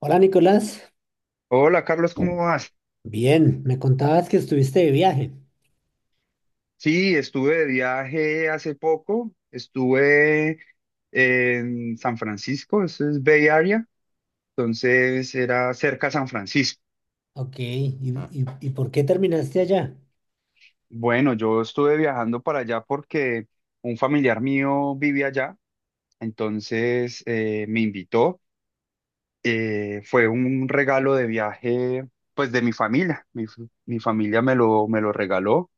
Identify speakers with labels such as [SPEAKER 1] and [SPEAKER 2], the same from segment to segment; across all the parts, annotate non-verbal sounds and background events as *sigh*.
[SPEAKER 1] Hola Nicolás,
[SPEAKER 2] Hola Carlos, ¿cómo vas?
[SPEAKER 1] bien, me contabas que estuviste de viaje.
[SPEAKER 2] Sí, estuve de viaje hace poco, estuve en San Francisco, eso es Bay Area, entonces era cerca a San Francisco.
[SPEAKER 1] Ok, ¿Y por qué terminaste allá?
[SPEAKER 2] Bueno, yo estuve viajando para allá porque un familiar mío vive allá, entonces me invitó, fue un regalo de viaje pues de mi familia, mi familia me lo regaló.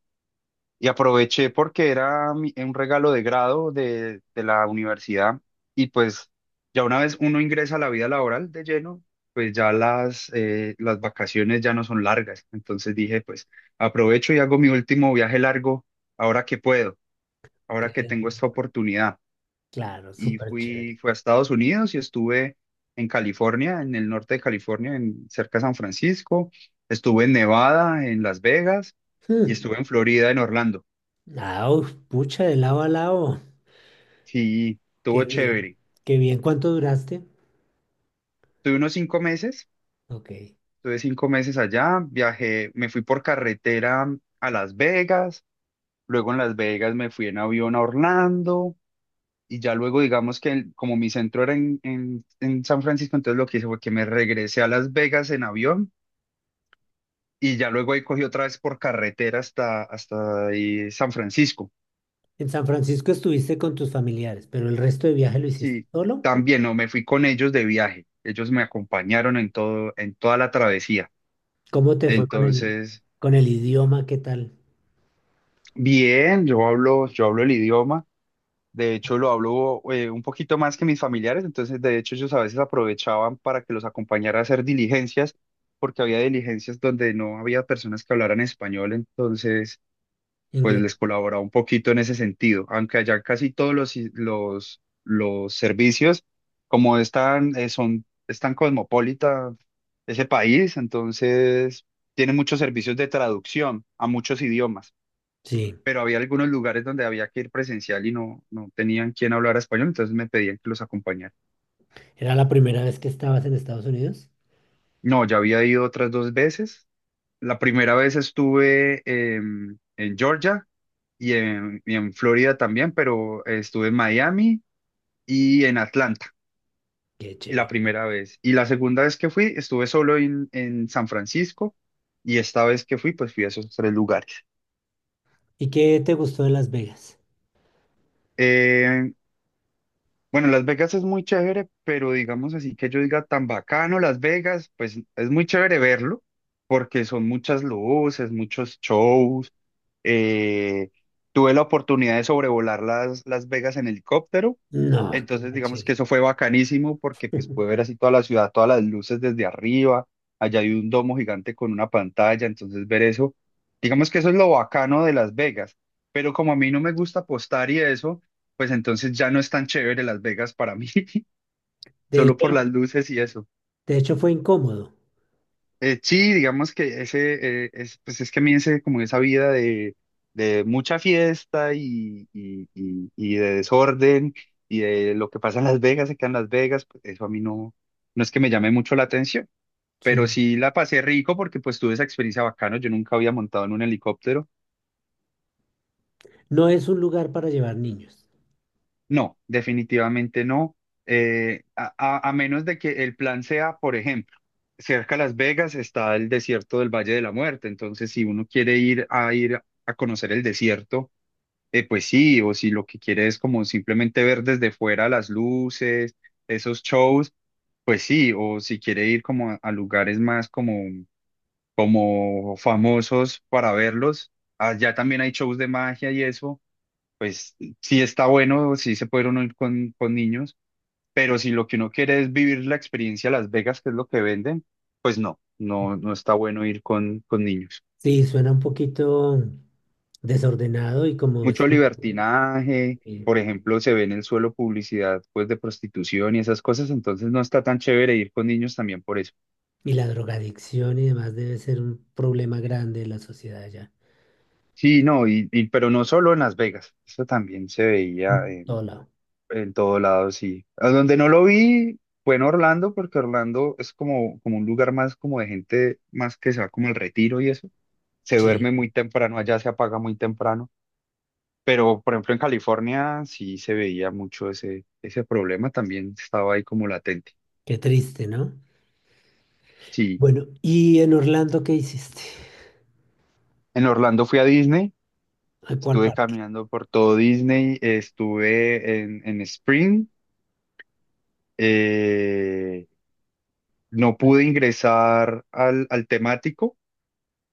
[SPEAKER 2] Y aproveché porque era un regalo de grado de la universidad, y pues ya una vez uno ingresa a la vida laboral de lleno, pues ya las vacaciones ya no son largas. Entonces dije, pues aprovecho y hago mi último viaje largo ahora que puedo,
[SPEAKER 1] Qué
[SPEAKER 2] ahora que tengo esta
[SPEAKER 1] rico.
[SPEAKER 2] oportunidad.
[SPEAKER 1] Claro,
[SPEAKER 2] Y
[SPEAKER 1] súper chévere.
[SPEAKER 2] fui a Estados Unidos y estuve en California, en el norte de California, cerca de San Francisco. Estuve en Nevada, en Las Vegas, y
[SPEAKER 1] Hmm.
[SPEAKER 2] estuve en Florida, en Orlando.
[SPEAKER 1] Ah, uf, pucha, de lado a lado.
[SPEAKER 2] Sí, estuvo
[SPEAKER 1] Qué bien,
[SPEAKER 2] chévere.
[SPEAKER 1] qué bien. ¿Cuánto duraste?
[SPEAKER 2] Tuve unos 5 meses,
[SPEAKER 1] Ok.
[SPEAKER 2] tuve 5 meses allá, viajé, me fui por carretera a Las Vegas, luego en Las Vegas me fui en avión a Orlando, y ya luego digamos que como mi centro era en San Francisco, entonces lo que hice fue que me regresé a Las Vegas en avión y ya luego ahí cogí otra vez por carretera hasta ahí San Francisco.
[SPEAKER 1] En San Francisco estuviste con tus familiares, pero el resto de viaje lo hiciste
[SPEAKER 2] Sí,
[SPEAKER 1] solo.
[SPEAKER 2] también no, me fui con ellos de viaje, ellos me acompañaron en todo, en toda la travesía.
[SPEAKER 1] ¿Cómo te fue
[SPEAKER 2] Entonces.
[SPEAKER 1] con el idioma? ¿Qué tal?
[SPEAKER 2] Bien, yo hablo el idioma, de hecho lo hablo un poquito más que mis familiares, entonces de hecho ellos a veces aprovechaban para que los acompañara a hacer diligencias, porque había diligencias donde no había personas que hablaran español, entonces pues
[SPEAKER 1] Inglés.
[SPEAKER 2] les colaboraba un poquito en ese sentido, aunque allá casi todos los servicios, como están, están cosmopolita ese país, entonces tienen muchos servicios de traducción a muchos idiomas,
[SPEAKER 1] Sí.
[SPEAKER 2] pero había algunos lugares donde había que ir presencial y no, no tenían quien hablar español, entonces me pedían que los acompañara.
[SPEAKER 1] ¿Era la primera vez que estabas en Estados Unidos?
[SPEAKER 2] No, ya había ido otras dos veces. La primera vez estuve en Georgia y en Florida también, pero estuve en Miami y en Atlanta,
[SPEAKER 1] Qué chévere.
[SPEAKER 2] la primera vez. Y la segunda vez que fui, estuve solo en San Francisco. Y esta vez que fui, pues fui a esos tres lugares.
[SPEAKER 1] ¿Y qué te gustó de Las Vegas?
[SPEAKER 2] Eh, Bueno, Las Vegas es muy chévere, pero digamos así que yo diga tan bacano Las Vegas, pues es muy chévere verlo, porque son muchas luces, muchos shows. eh, Tuve la oportunidad de sobrevolar Las Vegas en helicóptero,
[SPEAKER 1] No, qué
[SPEAKER 2] entonces
[SPEAKER 1] macho.
[SPEAKER 2] digamos que eso fue bacanísimo porque pues pude ver así toda la ciudad, todas las luces desde arriba. Allá hay un domo gigante con una pantalla, entonces ver eso, digamos que eso es lo bacano de Las Vegas, pero como a mí no me gusta apostar y eso, pues entonces ya no es tan chévere Las Vegas para mí, *laughs*
[SPEAKER 1] De
[SPEAKER 2] solo
[SPEAKER 1] hecho,
[SPEAKER 2] por las luces y eso.
[SPEAKER 1] de hecho fue incómodo,
[SPEAKER 2] Sí, digamos que ese, es, pues es que a mí ese, como esa vida de mucha fiesta y de desorden y de lo que pasa en Las Vegas, se queda en Las Vegas, pues eso a mí no, no es que me llame mucho la atención, pero
[SPEAKER 1] sí.
[SPEAKER 2] sí la pasé rico porque pues tuve esa experiencia bacano, yo nunca había montado en un helicóptero.
[SPEAKER 1] No es un lugar para llevar niños.
[SPEAKER 2] No, definitivamente no. A menos de que el plan sea, por ejemplo, cerca a Las Vegas está el desierto del Valle de la Muerte. Entonces, si uno quiere ir a conocer el desierto, pues sí, o si lo que quiere es como simplemente ver desde fuera las luces, esos shows, pues sí, o si quiere ir como a lugares más como, como famosos para verlos, allá también hay shows de magia y eso, pues sí está bueno, sí se puede uno ir con niños, pero si lo que uno quiere es vivir la experiencia Las Vegas, que es lo que venden, pues no, no, no está bueno ir con niños.
[SPEAKER 1] Sí, suena un poquito desordenado y como
[SPEAKER 2] Mucho
[SPEAKER 1] este,
[SPEAKER 2] libertinaje,
[SPEAKER 1] y,
[SPEAKER 2] por ejemplo, se ve en el suelo publicidad pues de prostitución y esas cosas, entonces no está tan chévere ir con niños también por eso.
[SPEAKER 1] y la drogadicción y demás debe ser un problema grande en la sociedad allá.
[SPEAKER 2] Sí, no, pero no solo en Las Vegas, eso también se veía,
[SPEAKER 1] En todo lado.
[SPEAKER 2] en todo lado, sí. A donde no lo vi fue en Orlando, porque Orlando es como, como un lugar más como de gente más que se va como al retiro y eso. Se duerme
[SPEAKER 1] Sí,
[SPEAKER 2] muy temprano, allá se apaga muy temprano. Pero, por ejemplo, en California sí se veía mucho ese problema, también estaba ahí como latente.
[SPEAKER 1] qué triste, ¿no?
[SPEAKER 2] Sí.
[SPEAKER 1] Bueno, ¿y en Orlando qué hiciste?
[SPEAKER 2] En Orlando fui a Disney,
[SPEAKER 1] ¿A cuál
[SPEAKER 2] estuve
[SPEAKER 1] parque?
[SPEAKER 2] caminando por todo Disney, estuve en Spring, eh, no pude ingresar al temático,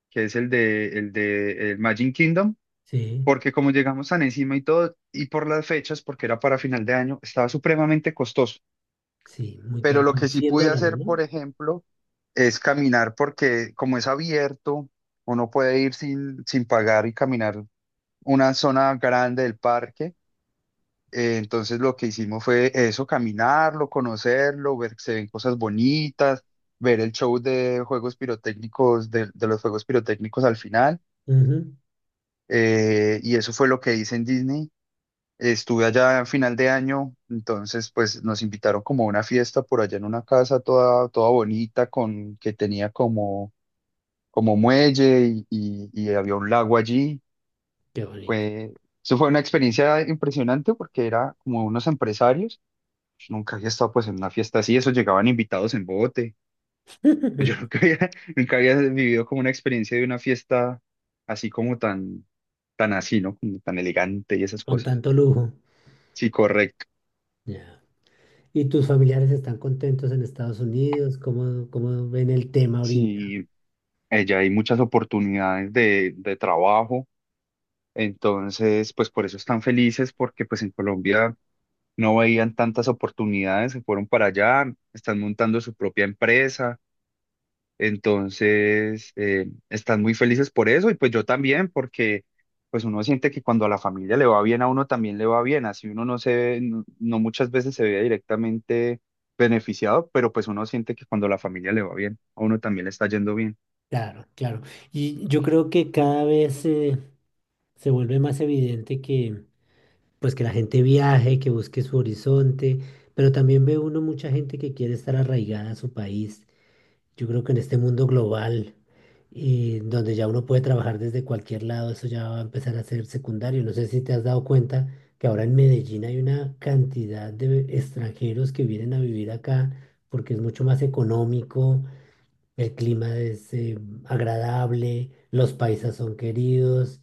[SPEAKER 2] que es el de el Magic Kingdom,
[SPEAKER 1] Sí,
[SPEAKER 2] porque como llegamos tan encima y todo, y por las fechas, porque era para final de año, estaba supremamente costoso.
[SPEAKER 1] sí, muy
[SPEAKER 2] Pero
[SPEAKER 1] caro,
[SPEAKER 2] lo
[SPEAKER 1] como
[SPEAKER 2] que sí
[SPEAKER 1] cien
[SPEAKER 2] pude
[SPEAKER 1] dólares,
[SPEAKER 2] hacer,
[SPEAKER 1] ¿no?
[SPEAKER 2] por ejemplo, es caminar, porque como es abierto, uno puede ir sin pagar y caminar una zona grande del parque. Entonces lo que hicimos fue eso, caminarlo, conocerlo, ver que se ven cosas bonitas, ver el show de juegos pirotécnicos, de los juegos pirotécnicos al final.
[SPEAKER 1] Ujú.
[SPEAKER 2] Y eso fue lo que hice en Disney. Estuve allá a final de año, entonces pues nos invitaron como a una fiesta por allá en una casa toda, toda bonita con que tenía como, como muelle y había un lago allí.
[SPEAKER 1] Qué bonito.
[SPEAKER 2] Fue, Eso fue una experiencia impresionante porque era como unos empresarios. Nunca había estado pues en una fiesta así, eso llegaban invitados en bote. Pues yo
[SPEAKER 1] *laughs*
[SPEAKER 2] nunca había, *laughs* nunca había vivido como una experiencia de una fiesta así como tan, tan así, ¿no? Como tan elegante y esas
[SPEAKER 1] Con
[SPEAKER 2] cosas.
[SPEAKER 1] tanto lujo.
[SPEAKER 2] Sí, correcto.
[SPEAKER 1] Ya. ¿Y tus familiares están contentos en Estados Unidos? ¿Cómo ven el tema ahorita?
[SPEAKER 2] Sí, ella hay muchas oportunidades de trabajo, entonces, pues por eso están felices, porque pues en Colombia no veían tantas oportunidades, se fueron para allá, están montando su propia empresa, entonces están muy felices por eso, y pues yo también, porque pues uno siente que cuando a la familia le va bien, a uno también le va bien, así uno no se ve, no no muchas veces se ve directamente beneficiado, pero pues uno siente que cuando a la familia le va bien, a uno también le está yendo bien.
[SPEAKER 1] Claro, claro. Y yo creo que cada vez se vuelve más evidente que, pues, que la gente viaje, que busque su horizonte, pero también ve uno mucha gente que quiere estar arraigada a su país. Yo creo que en este mundo global, y donde ya uno puede trabajar desde cualquier lado, eso ya va a empezar a ser secundario. No sé si te has dado cuenta que ahora en Medellín hay una cantidad de extranjeros que vienen a vivir acá porque es mucho más económico, el clima es agradable, los paisas son queridos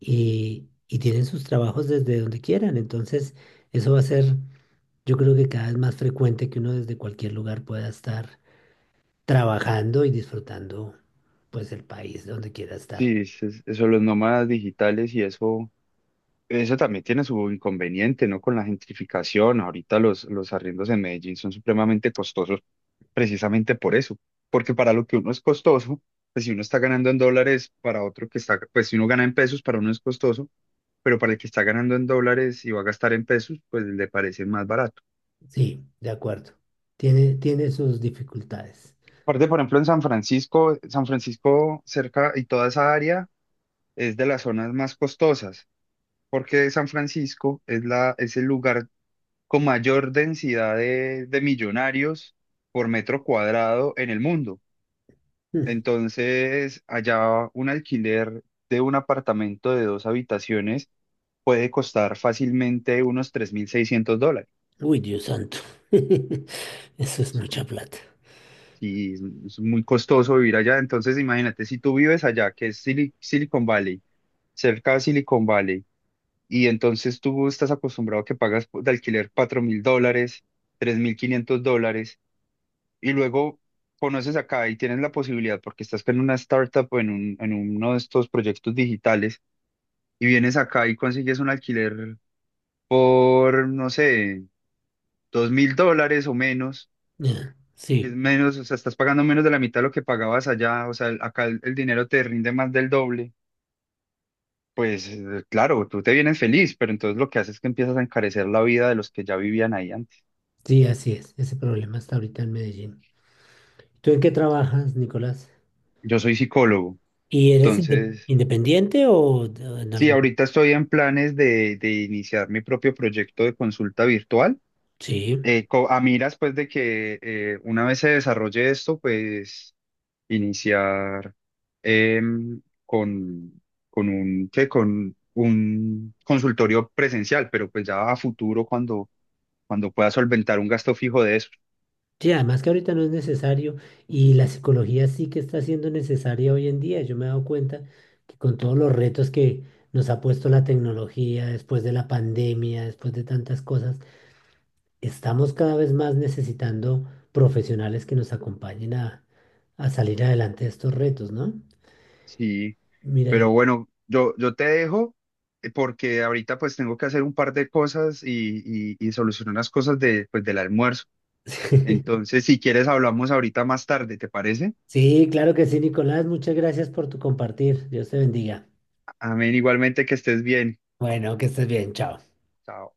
[SPEAKER 1] y tienen sus trabajos desde donde quieran. Entonces, eso va a ser, yo creo que cada vez más frecuente que uno desde cualquier lugar pueda estar trabajando y disfrutando pues el país donde quiera estar.
[SPEAKER 2] Sí, eso, los nómadas digitales y eso también tiene su inconveniente, ¿no? Con la gentrificación, ahorita los arriendos en Medellín son supremamente costosos precisamente por eso, porque para lo que uno es costoso, pues si uno está ganando en dólares, para otro que está, pues si uno gana en pesos, para uno es costoso, pero para el que está ganando en dólares y va a gastar en pesos, pues le parece más barato.
[SPEAKER 1] Sí, de acuerdo. Tiene sus dificultades.
[SPEAKER 2] Aparte, por ejemplo, en San Francisco, San Francisco cerca y toda esa área es de las zonas más costosas, porque San Francisco es el lugar con mayor densidad de millonarios por metro cuadrado en el mundo.
[SPEAKER 1] Mm.
[SPEAKER 2] Entonces, allá un alquiler de un apartamento de dos habitaciones puede costar fácilmente unos $3,600.
[SPEAKER 1] Uy, Dios santo. *laughs* Eso es mucha plata.
[SPEAKER 2] Y es muy costoso vivir allá. Entonces, imagínate, si tú vives allá, que es Silicon Valley, cerca de Silicon Valley, y entonces tú estás acostumbrado a que pagas de alquiler $4,000, $3,500, y luego conoces acá y tienes la posibilidad, porque estás en una startup o en en uno de estos proyectos digitales, y vienes acá y consigues un alquiler por, no sé, $2,000 o menos,
[SPEAKER 1] Ya,
[SPEAKER 2] que es
[SPEAKER 1] sí,
[SPEAKER 2] menos, o sea, estás pagando menos de la mitad de lo que pagabas allá, o sea, acá el dinero te rinde más del doble. Pues claro, tú te vienes feliz, pero entonces lo que haces es que empiezas a encarecer la vida de los que ya vivían ahí antes.
[SPEAKER 1] sí, así es. Ese problema está ahorita en Medellín. ¿Tú en qué trabajas, Nicolás?
[SPEAKER 2] Yo soy psicólogo,
[SPEAKER 1] ¿Y eres
[SPEAKER 2] entonces,
[SPEAKER 1] independiente o de- en
[SPEAKER 2] sí,
[SPEAKER 1] algún...?
[SPEAKER 2] ahorita estoy en planes de iniciar mi propio proyecto de consulta virtual.
[SPEAKER 1] Sí.
[SPEAKER 2] A miras, pues, de que una vez se desarrolle esto, pues, iniciar em, con, ¿qué? Con un consultorio presencial, pero pues ya a futuro cuando, pueda solventar un gasto fijo de eso.
[SPEAKER 1] Sí, además que ahorita no es necesario y la psicología sí que está siendo necesaria hoy en día. Yo me he dado cuenta que con todos los retos que nos ha puesto la tecnología después de la pandemia, después de tantas cosas, estamos cada vez más necesitando profesionales que nos acompañen a salir adelante de estos retos, ¿no?
[SPEAKER 2] Sí.
[SPEAKER 1] Mira,
[SPEAKER 2] Pero
[SPEAKER 1] yo-
[SPEAKER 2] bueno, yo te dejo, porque ahorita pues tengo que hacer un par de cosas y solucionar las cosas de, pues, del almuerzo.
[SPEAKER 1] *laughs*
[SPEAKER 2] Entonces, si quieres, hablamos ahorita más tarde, ¿te parece?
[SPEAKER 1] sí, claro que sí, Nicolás, muchas gracias por tu compartir. Dios te bendiga.
[SPEAKER 2] Amén, igualmente que estés bien.
[SPEAKER 1] Bueno, que estés bien, chao.
[SPEAKER 2] Chao.